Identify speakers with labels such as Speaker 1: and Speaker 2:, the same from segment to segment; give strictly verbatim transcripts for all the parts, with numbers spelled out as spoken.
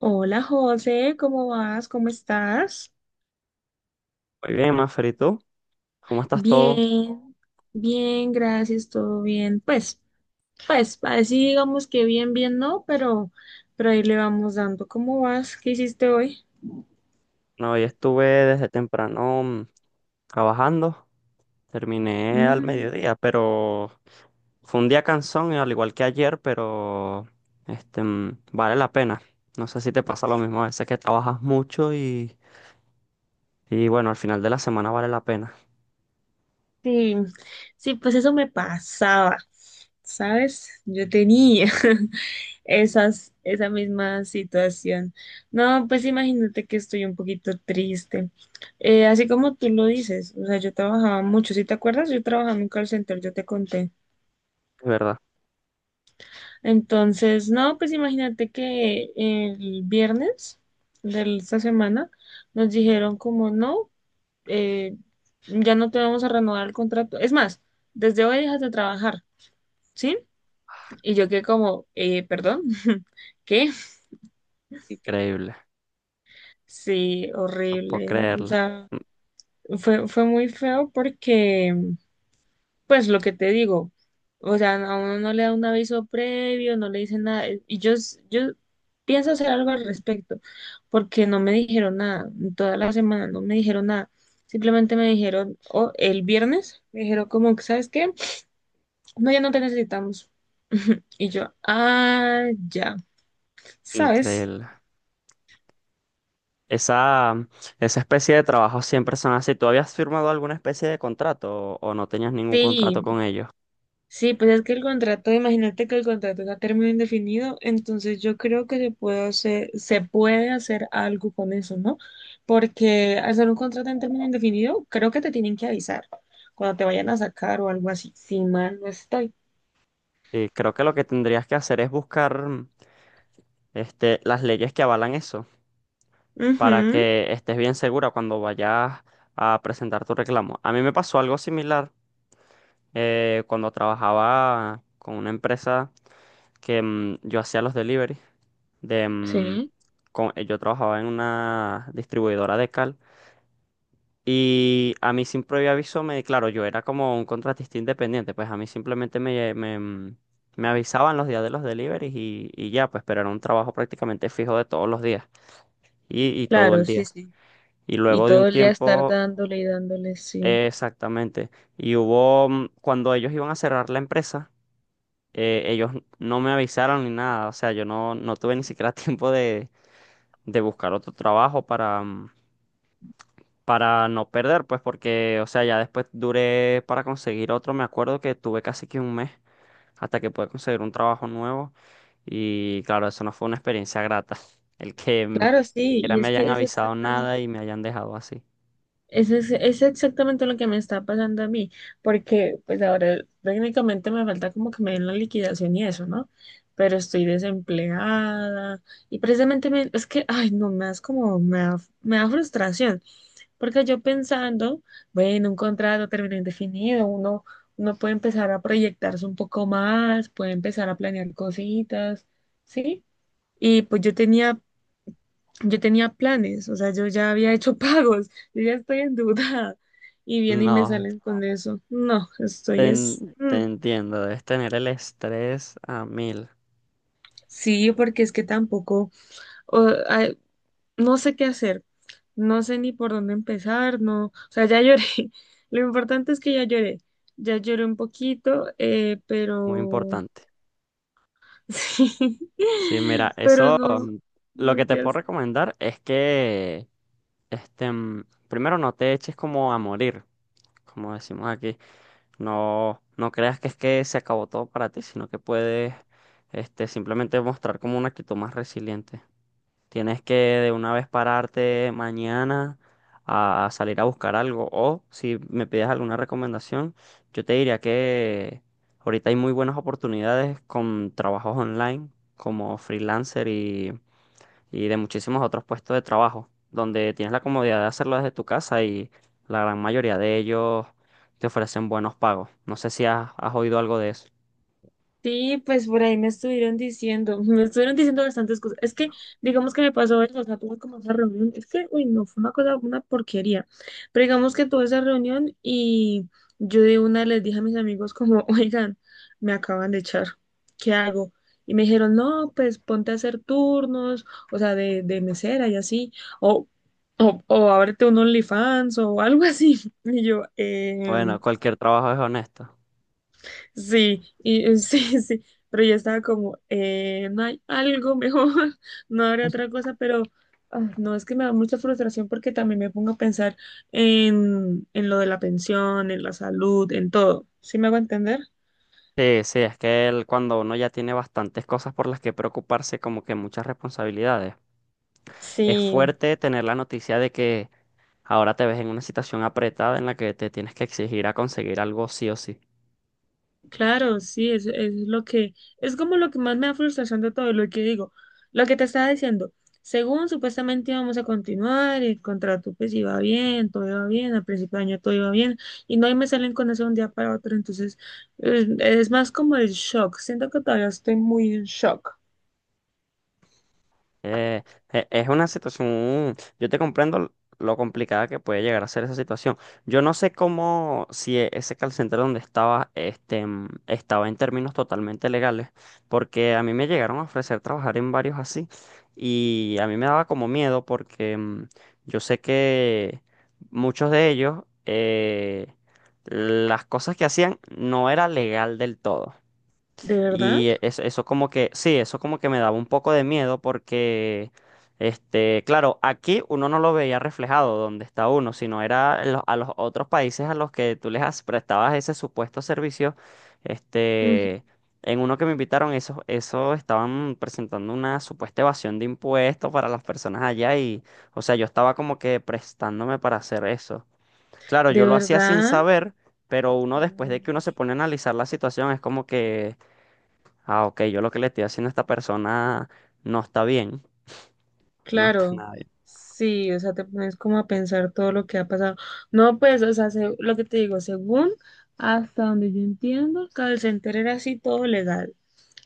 Speaker 1: Hola José, ¿cómo vas? ¿Cómo estás?
Speaker 2: Muy bien, Mafer, ¿y tú? ¿Cómo estás todo?
Speaker 1: Bien, bien, gracias, todo bien. Pues, pues, así digamos que bien, bien no, pero, pero ahí le vamos dando. ¿Cómo vas? ¿Qué hiciste hoy?
Speaker 2: No, hoy estuve desde temprano mm, trabajando, terminé al
Speaker 1: Mm,
Speaker 2: mediodía, pero fue un día cansón, al igual que ayer, pero este, mm, vale la pena. No sé si te pasa lo mismo, a veces que trabajas mucho y, y bueno, al final de la semana vale la pena,
Speaker 1: sí, sí, pues eso me pasaba, ¿sabes? Yo tenía. esas, esa misma situación. No, pues imagínate que estoy un poquito triste. Eh, así como tú lo dices, o sea, yo trabajaba mucho, si te acuerdas, yo trabajaba en un call center, yo te conté.
Speaker 2: es verdad.
Speaker 1: Entonces, no, pues imagínate que el viernes de esta semana nos dijeron como no, eh, ya no te vamos a renovar el contrato. Es más, desde hoy dejas de trabajar, ¿sí? Y yo quedé como, eh, perdón, ¿qué?
Speaker 2: Increíble,
Speaker 1: Sí,
Speaker 2: no puedo
Speaker 1: horrible. O
Speaker 2: creerlo.
Speaker 1: sea,
Speaker 2: mm,
Speaker 1: Fue, fue muy feo porque, pues lo que te digo, o sea, a uno no le da un aviso previo, no le dicen nada, y yo, s- yo pienso hacer algo al respecto, porque no me dijeron nada, en toda la semana no me dijeron nada, simplemente me dijeron, o el viernes, me dijeron como que, ¿sabes qué? No, ya no te necesitamos. Y yo, ah, ya, ¿sabes?
Speaker 2: Increíble. Esa, mm, esa especie de trabajo siempre son así. ¿Tú habías firmado alguna especie de contrato o o no tenías ningún contrato
Speaker 1: Sí.
Speaker 2: con ellos?
Speaker 1: Sí, pues es que el contrato, imagínate que el contrato es a término indefinido, entonces yo creo que se puede hacer, se puede hacer algo con eso, ¿no? Porque al ser un contrato en término indefinido, creo que te tienen que avisar cuando te vayan a sacar o algo así, si mal no estoy.
Speaker 2: Sí, creo que lo que tendrías que hacer es buscar mm, este, las leyes que avalan eso, para
Speaker 1: Ujú,
Speaker 2: que estés bien segura cuando vayas a presentar tu reclamo. A mí me pasó algo similar eh, cuando trabajaba con una empresa que mm, yo hacía los deliveries. De, mm,
Speaker 1: sí,
Speaker 2: con- eh, yo trabajaba en una distribuidora de cal. Y a mí sin previo aviso me, claro, yo era como un contratista independiente, pues a mí simplemente me, me, mm, me avisaban los días de los deliveries y, y ya, pues, pero era un trabajo prácticamente fijo de todos los días y, y todo
Speaker 1: claro,
Speaker 2: el
Speaker 1: sí,
Speaker 2: día.
Speaker 1: sí.
Speaker 2: Y
Speaker 1: Y
Speaker 2: luego de un
Speaker 1: todo el día estar
Speaker 2: tiempo,
Speaker 1: dándole y dándole, sí.
Speaker 2: eh, exactamente, y hubo, mm, cuando ellos iban a cerrar la empresa, eh, ellos no me avisaron ni nada, o sea, yo no, no tuve ni siquiera tiempo de, de buscar otro trabajo para mm, para no perder, pues porque, o sea, ya después duré para conseguir otro, me acuerdo que tuve casi que un mes hasta que pude conseguir un trabajo nuevo y claro, eso no fue una experiencia grata, el que mm,
Speaker 1: Claro,
Speaker 2: ni
Speaker 1: sí,
Speaker 2: siquiera
Speaker 1: y
Speaker 2: me
Speaker 1: es
Speaker 2: hayan
Speaker 1: que es
Speaker 2: avisado
Speaker 1: exactamente.
Speaker 2: nada y me hayan dejado así.
Speaker 1: Eso es, es exactamente lo que me está pasando a mí, porque pues ahora técnicamente me falta como que me den la liquidación y eso, ¿no? Pero estoy desempleada y precisamente me- es que, ay, no, me das como, me da, me da frustración, porque yo pensando, bueno, un contrato a término indefinido, uno, uno puede empezar a proyectarse un poco más, puede empezar a planear cositas, ¿sí? Y pues yo tenía yo tenía planes, o sea, yo ya había hecho pagos, yo ya estoy endeudada y vienen y me
Speaker 2: No,
Speaker 1: salen con eso. No, estoy
Speaker 2: te,
Speaker 1: es,
Speaker 2: en-
Speaker 1: mm,
Speaker 2: te entiendo, debes tener el estrés a mil,
Speaker 1: sí, porque es que tampoco, o- ay, no sé qué hacer, no sé ni por dónde empezar, no, o sea, ya lloré. Lo importante es que ya lloré, ya lloré un poquito, eh,
Speaker 2: muy
Speaker 1: pero
Speaker 2: importante.
Speaker 1: sí,
Speaker 2: Sí, mira,
Speaker 1: pero
Speaker 2: eso
Speaker 1: no,
Speaker 2: mm,
Speaker 1: no
Speaker 2: lo que
Speaker 1: sé
Speaker 2: te
Speaker 1: qué.
Speaker 2: puedo recomendar es que este mm, primero no te eches como a morir, como decimos aquí. No, no creas que es que se acabó todo para ti, sino que puedes este simplemente mostrar como una actitud más resiliente. Tienes que de una vez pararte mañana a salir a buscar algo. O si me pides alguna recomendación, yo te diría que ahorita hay muy buenas oportunidades con trabajos online, como freelancer y, y de muchísimos otros puestos de trabajo, donde tienes la comodidad de hacerlo desde tu casa y la gran mayoría de ellos te ofrecen buenos pagos. No sé si has, has oído algo de eso.
Speaker 1: Sí, pues por ahí me estuvieron diciendo, me estuvieron diciendo bastantes cosas. Es que, digamos que me pasó eso, o sea, tuve como esa reunión, es que, uy, no, fue una cosa, una porquería. Pero digamos que tuve esa reunión y yo de una les dije a mis amigos como, oigan, me acaban de echar, ¿qué hago? Y me dijeron, no, pues ponte a hacer turnos, o sea, de, de mesera y así, o, o, o ábrete un OnlyFans o algo así. Y yo, em,
Speaker 2: Bueno, cualquier trabajo es honesto.
Speaker 1: sí, y eh, sí, sí, pero yo estaba como, eh, no hay algo mejor, no habrá otra cosa, pero ah, no, es que me da mucha frustración porque también me pongo a pensar en, en lo de la pensión, en la salud, en todo. ¿Sí me hago entender?
Speaker 2: Sí, sí, es que el- cuando uno ya tiene bastantes cosas por las que preocuparse, como que muchas responsabilidades. Es
Speaker 1: Sí,
Speaker 2: fuerte tener la noticia de que ahora te ves en una situación apretada en la que te tienes que exigir a conseguir algo sí o sí.
Speaker 1: claro, sí, es, es lo que, es como lo que más me da frustración de todo, lo que digo, lo que te estaba diciendo, según supuestamente íbamos a continuar, el contrato pues iba bien, todo iba bien, al principio de año todo iba bien, y no y me salen con eso de un día para otro, entonces es, es más como el shock, siento que todavía estoy muy en shock.
Speaker 2: Eh, e- es una situación, yo te comprendo lo complicada que puede llegar a ser esa situación. Yo no sé cómo, si e- ese call center donde estaba, este, mm, estaba en términos totalmente legales, porque a mí me llegaron a ofrecer trabajar en varios así y a mí me daba como miedo porque mm, yo sé que muchos de ellos, eh, las cosas que hacían no era legal del todo.
Speaker 1: ¿De verdad?
Speaker 2: Y eso, eso como que, sí, eso como que me daba un poco de miedo porque, este, claro, aquí uno no lo veía reflejado donde está uno, sino era en los- a los otros países a los que tú les has- prestabas ese supuesto servicio,
Speaker 1: Ujú.
Speaker 2: este, en uno que me invitaron, eso, eso estaban presentando una supuesta evasión de impuestos para las personas allá y, o sea, yo estaba como que prestándome para hacer eso. Claro,
Speaker 1: ¿De
Speaker 2: yo lo hacía sin
Speaker 1: verdad?
Speaker 2: saber, pero uno después de que uno se pone a analizar la situación es como que ah, ok, yo lo que le estoy haciendo a esta persona no está bien, no está
Speaker 1: Claro,
Speaker 2: nada bien.
Speaker 1: sí, o sea, te pones como a pensar todo lo que ha pasado. No, pues, o sea, se- lo que te digo, según hasta donde yo entiendo, el call center era así todo legal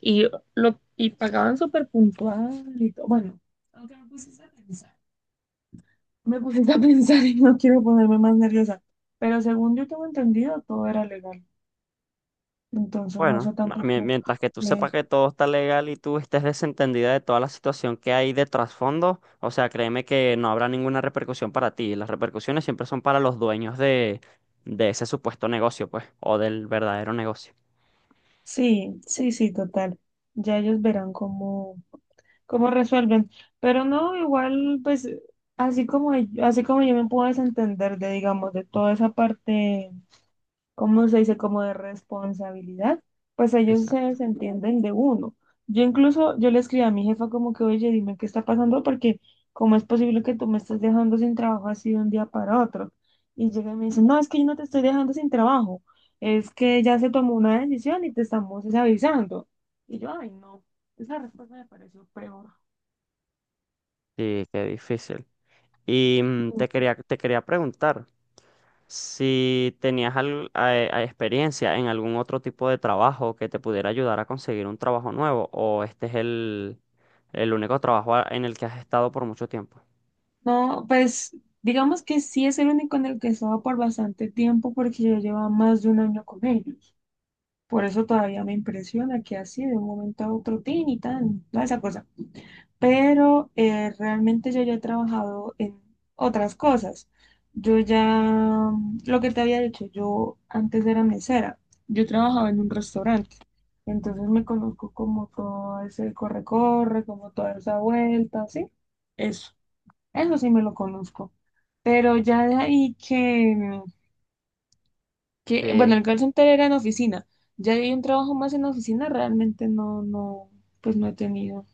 Speaker 1: y lo y pagaban súper puntual y todo. Bueno, aunque me pusiste a pensar, me pusiste a pensar y no quiero ponerme más nerviosa, pero según yo tengo entendido, todo era legal. Entonces, no
Speaker 2: Bueno,
Speaker 1: sé
Speaker 2: no, mien-
Speaker 1: tampoco.
Speaker 2: mientras que tú
Speaker 1: que-
Speaker 2: sepas que todo está legal y tú estés desentendida de toda la situación que hay de trasfondo, o sea, créeme que no habrá ninguna repercusión para ti. Las repercusiones siempre son para los dueños de, de ese supuesto negocio, pues, o del verdadero negocio.
Speaker 1: Sí, sí, sí, total. Ya ellos verán cómo. cómo resuelven. Pero no, igual, pues, así como, yo- así como yo me puedo desentender de, digamos, de toda esa parte, ¿cómo se dice? Como de responsabilidad, pues ellos se
Speaker 2: Exacto.
Speaker 1: desentienden de uno. Yo incluso, yo le escribí a mi jefa como que, oye, dime qué está pasando, porque cómo es posible que tú me estés dejando sin trabajo así de un día para otro. Y llega y me dice, no, es que yo no te estoy dejando sin trabajo, es que ya se tomó una decisión y te estamos es, avisando. Y yo, ay, no, esa respuesta me pareció peor.
Speaker 2: Sí, qué difícil. Y mm, te quería, te quería preguntar. Si tenías al- a- a experiencia en algún otro tipo de trabajo que te pudiera ayudar a conseguir un trabajo nuevo, o este es el, el único trabajo a- en el que has estado por mucho tiempo.
Speaker 1: No, pues digamos que sí es el único en el que he estado por bastante tiempo porque yo llevaba más de un año con ellos. Por eso todavía me impresiona que así de un momento a otro, tin y tan, toda esa cosa. Pero eh, realmente yo ya he trabajado en otras cosas. Yo ya, mm, lo que te había dicho, yo antes era mesera, yo trabajaba en un restaurante. Entonces me conozco como todo ese corre-corre, como toda esa vuelta, ¿sí? Eso. Eso sí me lo conozco. Pero ya de ahí que, que, bueno,
Speaker 2: Sí,
Speaker 1: el call center era en oficina. Ya de ahí un trabajo más en oficina, realmente no, no, pues no he tenido.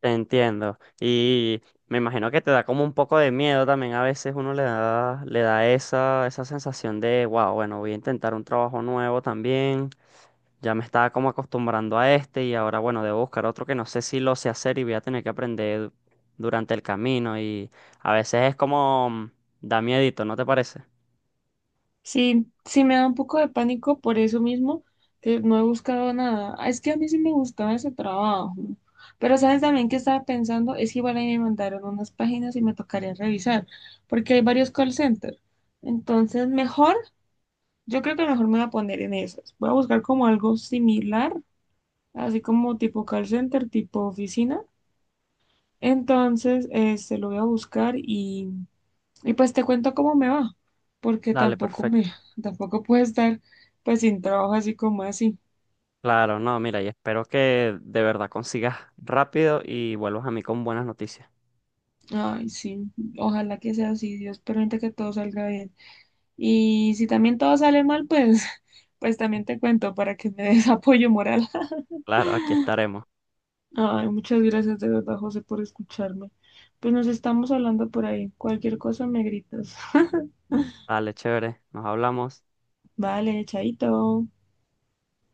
Speaker 2: te entiendo. Y me imagino que te da como un poco de miedo también. A veces uno le da, le da esa, esa sensación de, wow, bueno, voy a intentar un trabajo nuevo también. Ya me estaba como acostumbrando a este y ahora, bueno, debo buscar otro que no sé si lo sé hacer y voy a tener que aprender durante el camino y a veces es como mm, da miedito, ¿no te parece?
Speaker 1: Sí, sí me da un poco de pánico por eso mismo, que no he buscado nada. Ah, es que a mí sí me gustaba ese trabajo, ¿no? Pero sabes, también que estaba pensando, es que igual ahí me mandaron unas páginas y me tocaría revisar, porque hay varios call centers. Entonces, mejor, yo creo que mejor me voy a poner en esas. Voy a buscar como algo similar, así como tipo call center, tipo oficina. Entonces, este, lo voy a buscar y, y, pues te cuento cómo me va, porque
Speaker 2: Dale,
Speaker 1: tampoco me,
Speaker 2: perfecto.
Speaker 1: tampoco puedo estar pues sin trabajo así como así.
Speaker 2: Claro, no, mira, y espero que de verdad consigas rápido y vuelvas a mí con buenas noticias.
Speaker 1: Ay, sí, ojalá que sea así, Dios permite que todo salga bien. Y si también todo sale mal, pues, pues también te cuento para que me des apoyo moral.
Speaker 2: Claro, aquí estaremos.
Speaker 1: Ay, muchas gracias de verdad, José, por escucharme. Pues nos estamos hablando por ahí. Cualquier cosa me gritas.
Speaker 2: Dale, chévere, nos hablamos.
Speaker 1: Vale, chaito.